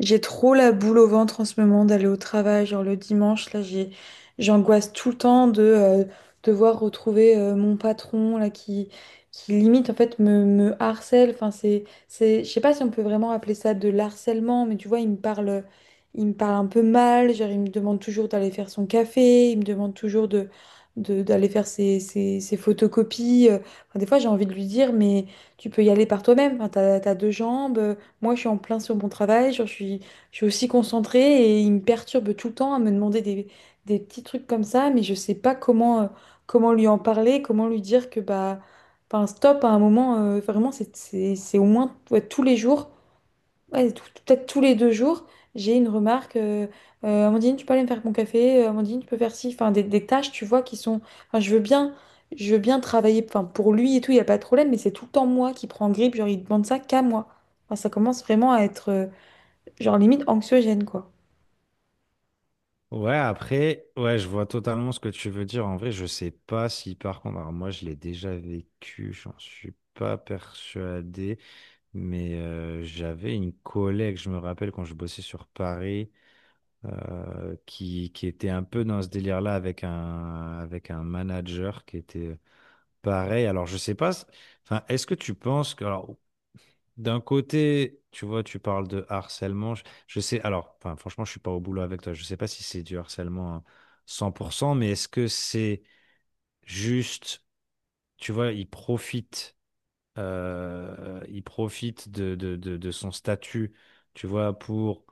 J'ai trop la boule au ventre en ce moment d'aller au travail, genre le dimanche, là j'angoisse tout le temps de devoir retrouver mon patron là qui limite en fait me harcèle. Enfin c'est je sais pas si on peut vraiment appeler ça de l'harcèlement, mais tu vois il me parle un peu mal, genre il me demande toujours d'aller faire son café, il me demande toujours d'aller faire ses photocopies. Enfin, des fois j'ai envie de lui dire mais tu peux y aller par toi-même. Enfin, t'as deux jambes. Moi, je suis en plein sur mon travail, genre, je suis aussi concentrée et il me perturbe tout le temps à me demander des petits trucs comme ça, mais je sais pas comment, comment lui en parler, comment lui dire que bah, enfin, stop à un moment, vraiment, c'est au moins ouais, tous les jours ouais, peut-être tous les 2 jours, j'ai une remarque. Amandine, tu peux aller me faire mon café. Amandine, tu peux faire ci. Enfin, des tâches, tu vois, qui sont. Enfin, je veux bien travailler. Enfin, pour lui et tout, il n'y a pas de problème. Mais c'est tout le temps moi qui prends grippe. Genre, il demande ça qu'à moi. Enfin, ça commence vraiment à être, genre, limite anxiogène, quoi. Ouais, après, ouais, je vois totalement ce que tu veux dire. En vrai, je sais pas si par contre, alors moi je l'ai déjà vécu, j'en suis pas persuadé, mais j'avais une collègue, je me rappelle quand je bossais sur Paris, qui était un peu dans ce délire-là avec avec un manager qui était pareil. Alors je sais pas, enfin, est-ce que tu penses que, alors d'un côté, tu vois, tu parles de harcèlement. Je sais, alors, enfin, franchement, je suis pas au boulot avec toi. Je sais pas si c'est du harcèlement à 100%, mais est-ce que c'est juste, tu vois, il profite de son statut, tu vois, pour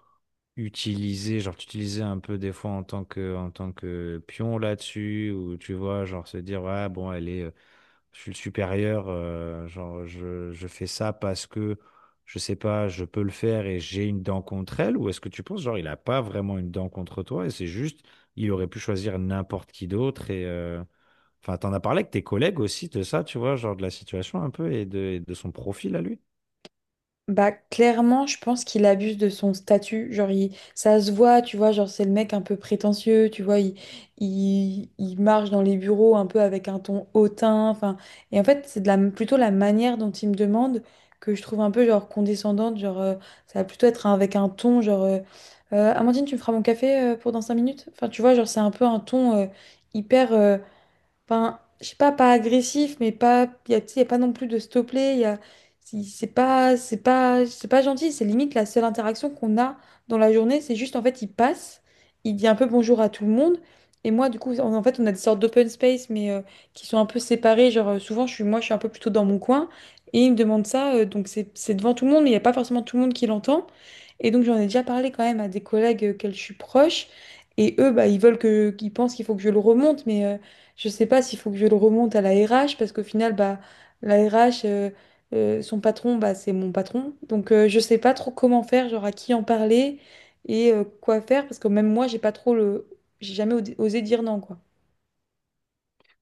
utiliser, genre, t'utiliser un peu des fois en tant que pion là-dessus, ou tu vois, genre, se dire, ouais, bon, elle est je suis le supérieur, genre je fais ça parce que je sais pas, je peux le faire et j'ai une dent contre elle, ou est-ce que tu penses genre il a pas vraiment une dent contre toi et c'est juste il aurait pu choisir n'importe qui d'autre et enfin t'en as parlé avec tes collègues aussi de ça, tu vois, genre de la situation un peu et et de son profil à lui? Bah, clairement, je pense qu'il abuse de son statut. Genre, ça se voit, tu vois, genre, c'est le mec un peu prétentieux, tu vois, il marche dans les bureaux un peu avec un ton hautain. Enfin, et en fait, c'est de la, plutôt la manière dont il me demande que je trouve un peu, genre, condescendante. Genre, ça va plutôt être avec un ton, genre, Amandine, tu me feras mon café pour dans 5 minutes? Enfin, tu vois, genre, c'est un peu un ton hyper. Enfin, je sais pas, pas agressif, mais pas, il y a, tu sais, y a pas non plus de stopper. Y a, c'est pas gentil. C'est limite la seule interaction qu'on a dans la journée. C'est juste, en fait, il passe, il dit un peu bonjour à tout le monde. Et moi, du coup, en fait, on a des sortes d'open space, mais qui sont un peu séparés. Genre, souvent, je suis un peu plutôt dans mon coin. Et il me demande ça, donc c'est devant tout le monde, mais il n'y a pas forcément tout le monde qui l'entend. Et donc, j'en ai déjà parlé quand même à des collègues auxquels je suis proche. Et eux, bah, ils pensent qu'il faut que je le remonte, je sais pas s'il faut que je le remonte à la RH parce qu'au final, bah, la RH, son patron, bah, c'est mon patron. Donc je sais pas trop comment faire, genre à qui en parler et quoi faire parce que même moi, j'ai pas trop le, j'ai jamais osé dire non quoi.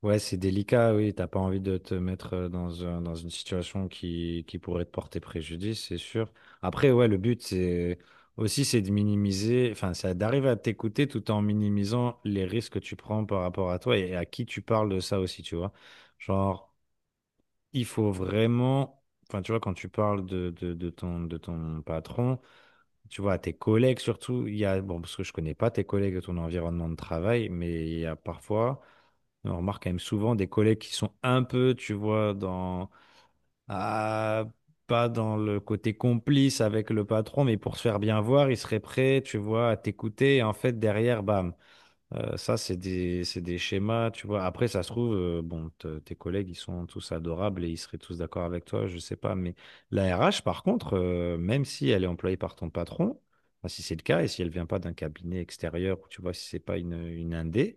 Ouais, c'est délicat, oui. T'as pas envie de te mettre dans, dans une situation qui pourrait te porter préjudice, c'est sûr. Après, ouais, le but, c'est aussi, c'est de minimiser, enfin, c'est d'arriver à t'écouter tout en minimisant les risques que tu prends par rapport à toi et à qui tu parles de ça aussi, tu vois. Genre, il faut vraiment, enfin, tu vois, quand tu parles de ton patron, tu vois, à tes collègues surtout, il y a, bon, parce que je connais pas tes collègues de ton environnement de travail, mais il y a parfois on remarque quand même souvent des collègues qui sont un peu, tu vois, dans, ah, pas dans le côté complice avec le patron, mais pour se faire bien voir, ils seraient prêts, tu vois, à t'écouter. Et en fait, derrière, bam. Ça, c'est des schémas, tu vois. Après, ça se trouve, bon, tes collègues, ils sont tous adorables et ils seraient tous d'accord avec toi, je sais pas. Mais la RH, par contre, même si elle est employée par ton patron, enfin, si c'est le cas et si elle vient pas d'un cabinet extérieur, ou tu vois, si c'est pas une, une indé,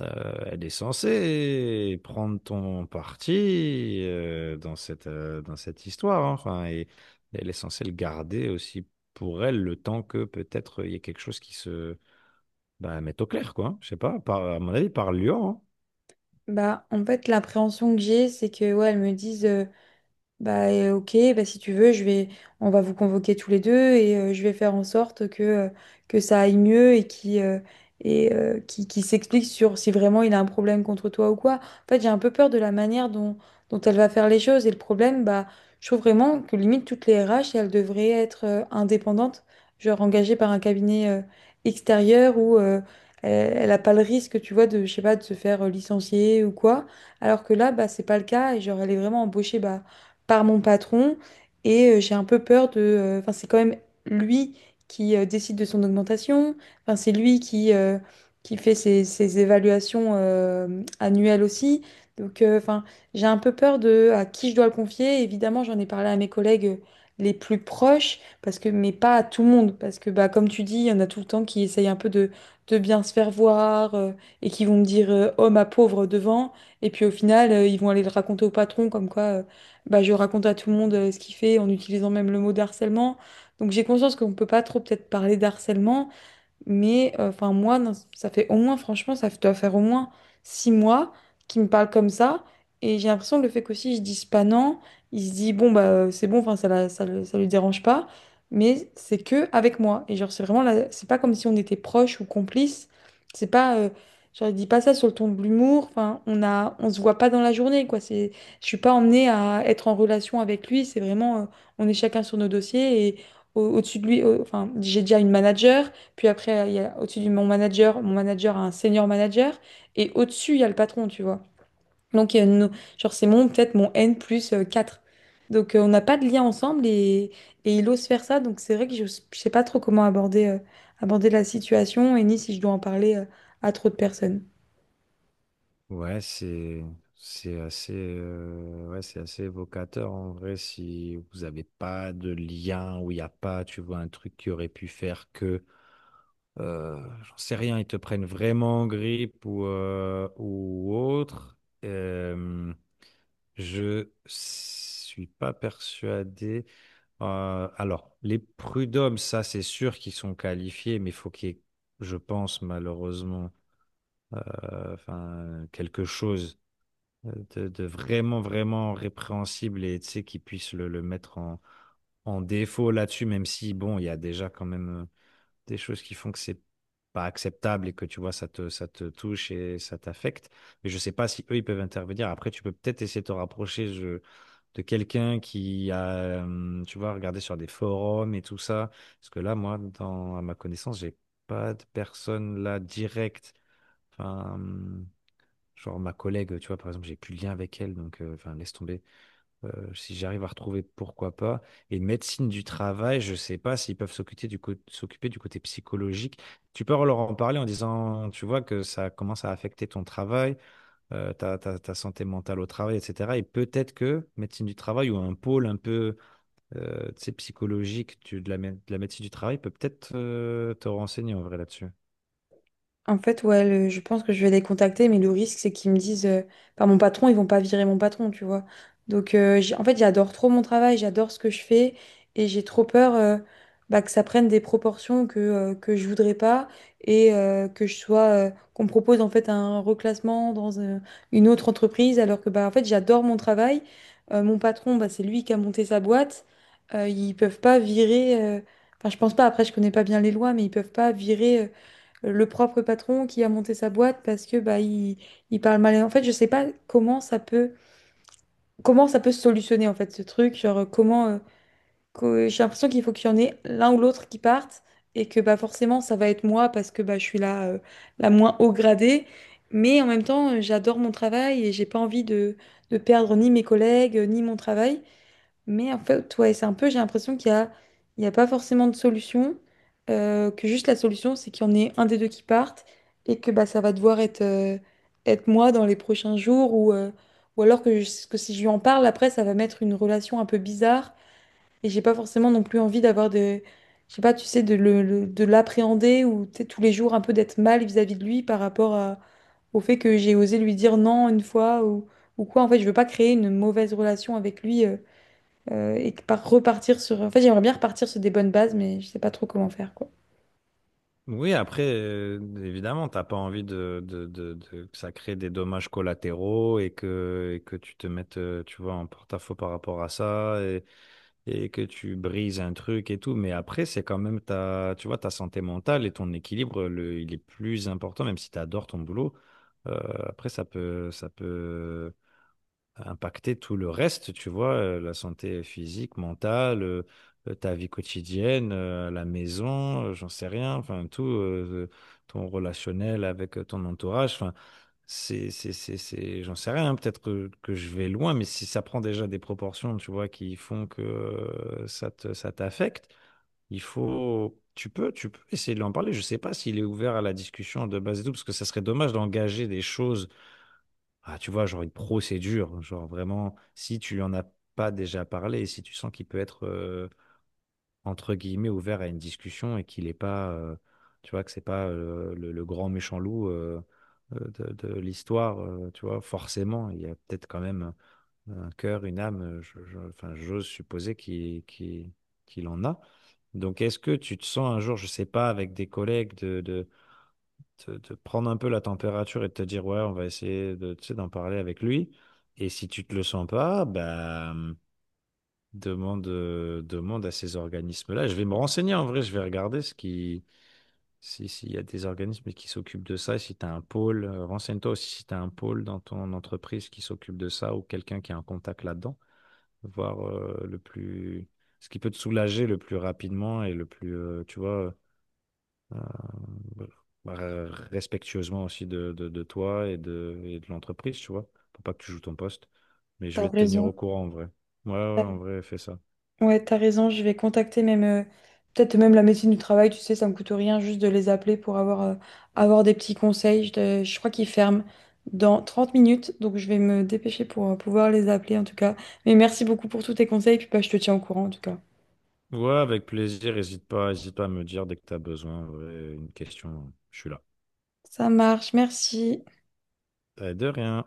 elle est censée prendre ton parti dans cette histoire, hein. Enfin, et elle est censée le garder aussi pour elle le temps que peut-être il y ait quelque chose qui se bah, mette au clair, quoi. Je sais pas, par, à mon avis, par Lyon, hein. Bah en fait, l'appréhension que j'ai, c'est que ouais, elles me disent. Bah ok, bah si tu veux, on va vous convoquer tous les deux et je vais faire en sorte que ça aille mieux et qui s'explique sur si vraiment il a un problème contre toi ou quoi. En fait, j'ai un peu peur de la manière dont elle va faire les choses et le problème, bah je trouve vraiment que limite toutes les RH, elles devraient être indépendantes, genre engagées par un cabinet extérieur où elle n'a pas le risque, tu vois, de je sais pas, de se faire licencier ou quoi. Alors que là, bah c'est pas le cas et genre elle est vraiment embauchée bah par mon patron et j'ai un peu peur de Enfin, c'est quand même lui qui décide de son augmentation, enfin, c'est lui qui fait ses évaluations annuelles aussi. Donc, enfin, j'ai un peu peur de à qui je dois le confier. Évidemment, j'en ai parlé à mes collègues les plus proches, parce que, mais pas à tout le monde, parce que, bah, comme tu dis, il y en a tout le temps qui essayent un peu de bien se faire voir et qui vont me dire oh ma pauvre devant, et puis au final, ils vont aller le raconter au patron comme quoi bah, je raconte à tout le monde ce qu'il fait en utilisant même le mot d'harcèlement. Donc j'ai conscience qu'on ne peut pas trop peut-être parler d'harcèlement, mais enfin, moi, non, ça fait au moins, franchement, ça doit faire au moins 6 mois qu'il me parle comme ça. Et j'ai l'impression que le fait qu'aussi je dise pas non, il se dit, bon, bah, c'est bon, enfin, ça, ça, ça lui dérange pas. Mais c'est que avec moi. Et genre, c'est vraiment c'est pas comme si on était proches ou complices. C'est pas, genre, il dit pas ça sur le ton de l'humour. Enfin, on se voit pas dans la journée, quoi. Je suis pas emmenée à être en relation avec lui. C'est vraiment, on est chacun sur nos dossiers et au-dessus de lui, enfin, j'ai déjà une manager. Puis après, il y a au-dessus du mon manager a un senior manager. Et au-dessus, il y a le patron, tu vois. Donc, il y a nos- genre, c'est mon, peut-être mon N plus 4. Donc, on n'a pas de lien ensemble et il ose faire ça. Donc, c'est vrai que je ne sais pas trop comment aborder, aborder la situation et ni si je dois en parler, à trop de personnes. Ouais, c'est assez ouais, c'est assez évocateur en vrai si vous n'avez pas de lien ou il n'y a pas, tu vois, un truc qui aurait pu faire que j'en sais rien, ils te prennent vraiment en grippe ou autre. Euh, je suis pas persuadé. Alors, les prud'hommes, ça, c'est sûr qu'ils sont qualifiés, mais il faut qu'il y ait, je pense, malheureusement, enfin, quelque chose de vraiment, vraiment répréhensible et, tu sais, qu'ils puissent le mettre en, en défaut là-dessus, même si, bon, il y a déjà quand même des choses qui font que c'est pas acceptable et que tu vois, ça te touche et ça t'affecte. Mais je sais pas si eux, ils peuvent intervenir. Après, tu peux peut-être essayer de te rapprocher de quelqu'un qui a, tu vois, regardé sur des forums et tout ça. Parce que là, moi, dans, à ma connaissance, j'ai pas de personne là directe. Enfin, genre ma collègue, tu vois, par exemple, j'ai plus de lien avec elle, donc, enfin, laisse tomber. Si j'arrive à retrouver, pourquoi pas. Et médecine du travail, je sais pas s'ils peuvent s'occuper du s'occuper du côté psychologique. Tu peux leur en parler en disant, tu vois, que ça commence à affecter ton travail, ta santé mentale au travail, etc. Et peut-être que médecine du travail ou un pôle un peu tu sais, psychologique de la, de la médecine du travail peut peut-être te renseigner en vrai là-dessus. En fait, ouais, je pense que je vais les contacter, mais le risque, c'est qu'ils me disent, par mon patron, ils vont pas virer mon patron, tu vois. Donc, en fait, j'adore trop mon travail, j'adore ce que je fais, et j'ai trop peur bah, que ça prenne des proportions que je voudrais pas, et que je sois, qu'on me propose en fait un reclassement dans une autre entreprise, alors que, bah, en fait, j'adore mon travail. Mon patron, bah, c'est lui qui a monté sa boîte. Ils peuvent pas virer. Enfin, je pense pas. Après, je connais pas bien les lois, mais ils peuvent pas virer le propre patron qui a monté sa boîte parce que bah il parle mal. Et en fait, je sais pas comment ça peut se solutionner en fait ce truc, genre comment j'ai l'impression qu'il faut qu'il y en ait l'un ou l'autre qui parte et que bah forcément ça va être moi parce que bah je suis la la moins haut gradée, mais en même temps, j'adore mon travail et j'ai pas envie de perdre ni mes collègues ni mon travail. Mais en fait, ouais, c'est un peu, j'ai l'impression qu'il y a pas forcément de solution, que juste la solution, c'est qu'il y en ait un des deux qui parte et que bah, ça va devoir être, être moi dans les prochains jours ou alors que, que si je lui en parle, après, ça va mettre une relation un peu bizarre et j'ai pas forcément non plus envie d'avoir de, je sais pas, tu sais, de l'appréhender ou tu sais, tous les jours un peu d'être mal vis-à-vis de lui par rapport au fait que j'ai osé lui dire non une fois ou quoi. En fait, je veux pas créer une mauvaise relation avec lui. Et que par repartir sur. En fait, j'aimerais bien repartir sur des bonnes bases, mais je sais pas trop comment faire, quoi. Oui, après, évidemment, t'as pas envie que ça crée des dommages collatéraux et que tu te mettes, tu vois, en porte-à-faux par rapport à ça et que tu brises un truc et tout. Mais après, c'est quand même ta, tu vois, ta santé mentale et ton équilibre, le, il est plus important, même si tu adores ton boulot. Euh, après, ça peut impacter tout le reste, tu vois, la santé physique, mentale, ta vie quotidienne, la maison, j'en sais rien, enfin tout, ton relationnel avec ton entourage, enfin c'est, j'en sais rien, hein, peut-être que je vais loin, mais si ça prend déjà des proportions, tu vois, qui font que ça te, ça t'affecte, il faut, tu peux essayer de lui en parler. Je sais pas s'il est ouvert à la discussion de base et tout, parce que ça serait dommage d'engager des choses tu vois, genre une procédure, hein, genre vraiment, si tu lui en as pas déjà parlé, si tu sens qu'il peut être, entre guillemets, ouvert à une discussion et qu'il est pas, tu vois, que c'est pas le grand méchant loup de l'histoire, tu vois, forcément, il y a peut-être quand même un cœur, une âme, enfin, j'ose supposer qu'il en a. Donc, est-ce que tu te sens un jour, je sais pas, avec des collègues te, te prendre un peu la température et de te dire, ouais, on va essayer de, tu sais, d'en parler avec lui. Et si tu te le sens pas, bah, demande à ces organismes-là. Je vais me renseigner en vrai, je vais regarder ce qui, si, s'il y a des organismes qui s'occupent de ça, et si tu as un pôle, renseigne-toi aussi si tu as un pôle dans ton entreprise qui s'occupe de ça ou quelqu'un qui a un contact là-dedans, voir, le plus, ce qui peut te soulager le plus rapidement et le plus, tu vois euh, voilà. Bah, respectueusement aussi de, de toi et de l'entreprise, tu vois, pour pas que tu joues ton poste. Mais je T'as vais te tenir raison. au courant en vrai. Ouais, en vrai, fais ça. Ouais, t'as raison. Je vais contacter même peut-être même la médecine du travail. Tu sais, ça me coûte rien juste de les appeler pour avoir avoir des petits conseils. Je crois qu'ils ferment dans 30 minutes, donc je vais me dépêcher pour pouvoir les appeler en tout cas. Mais merci beaucoup pour tous tes conseils, puis bah, je te tiens au courant en tout cas. Ouais, avec plaisir. Hésite pas à me dire dès que tu as besoin, en une question. Je suis là. Ça marche, merci. De rien.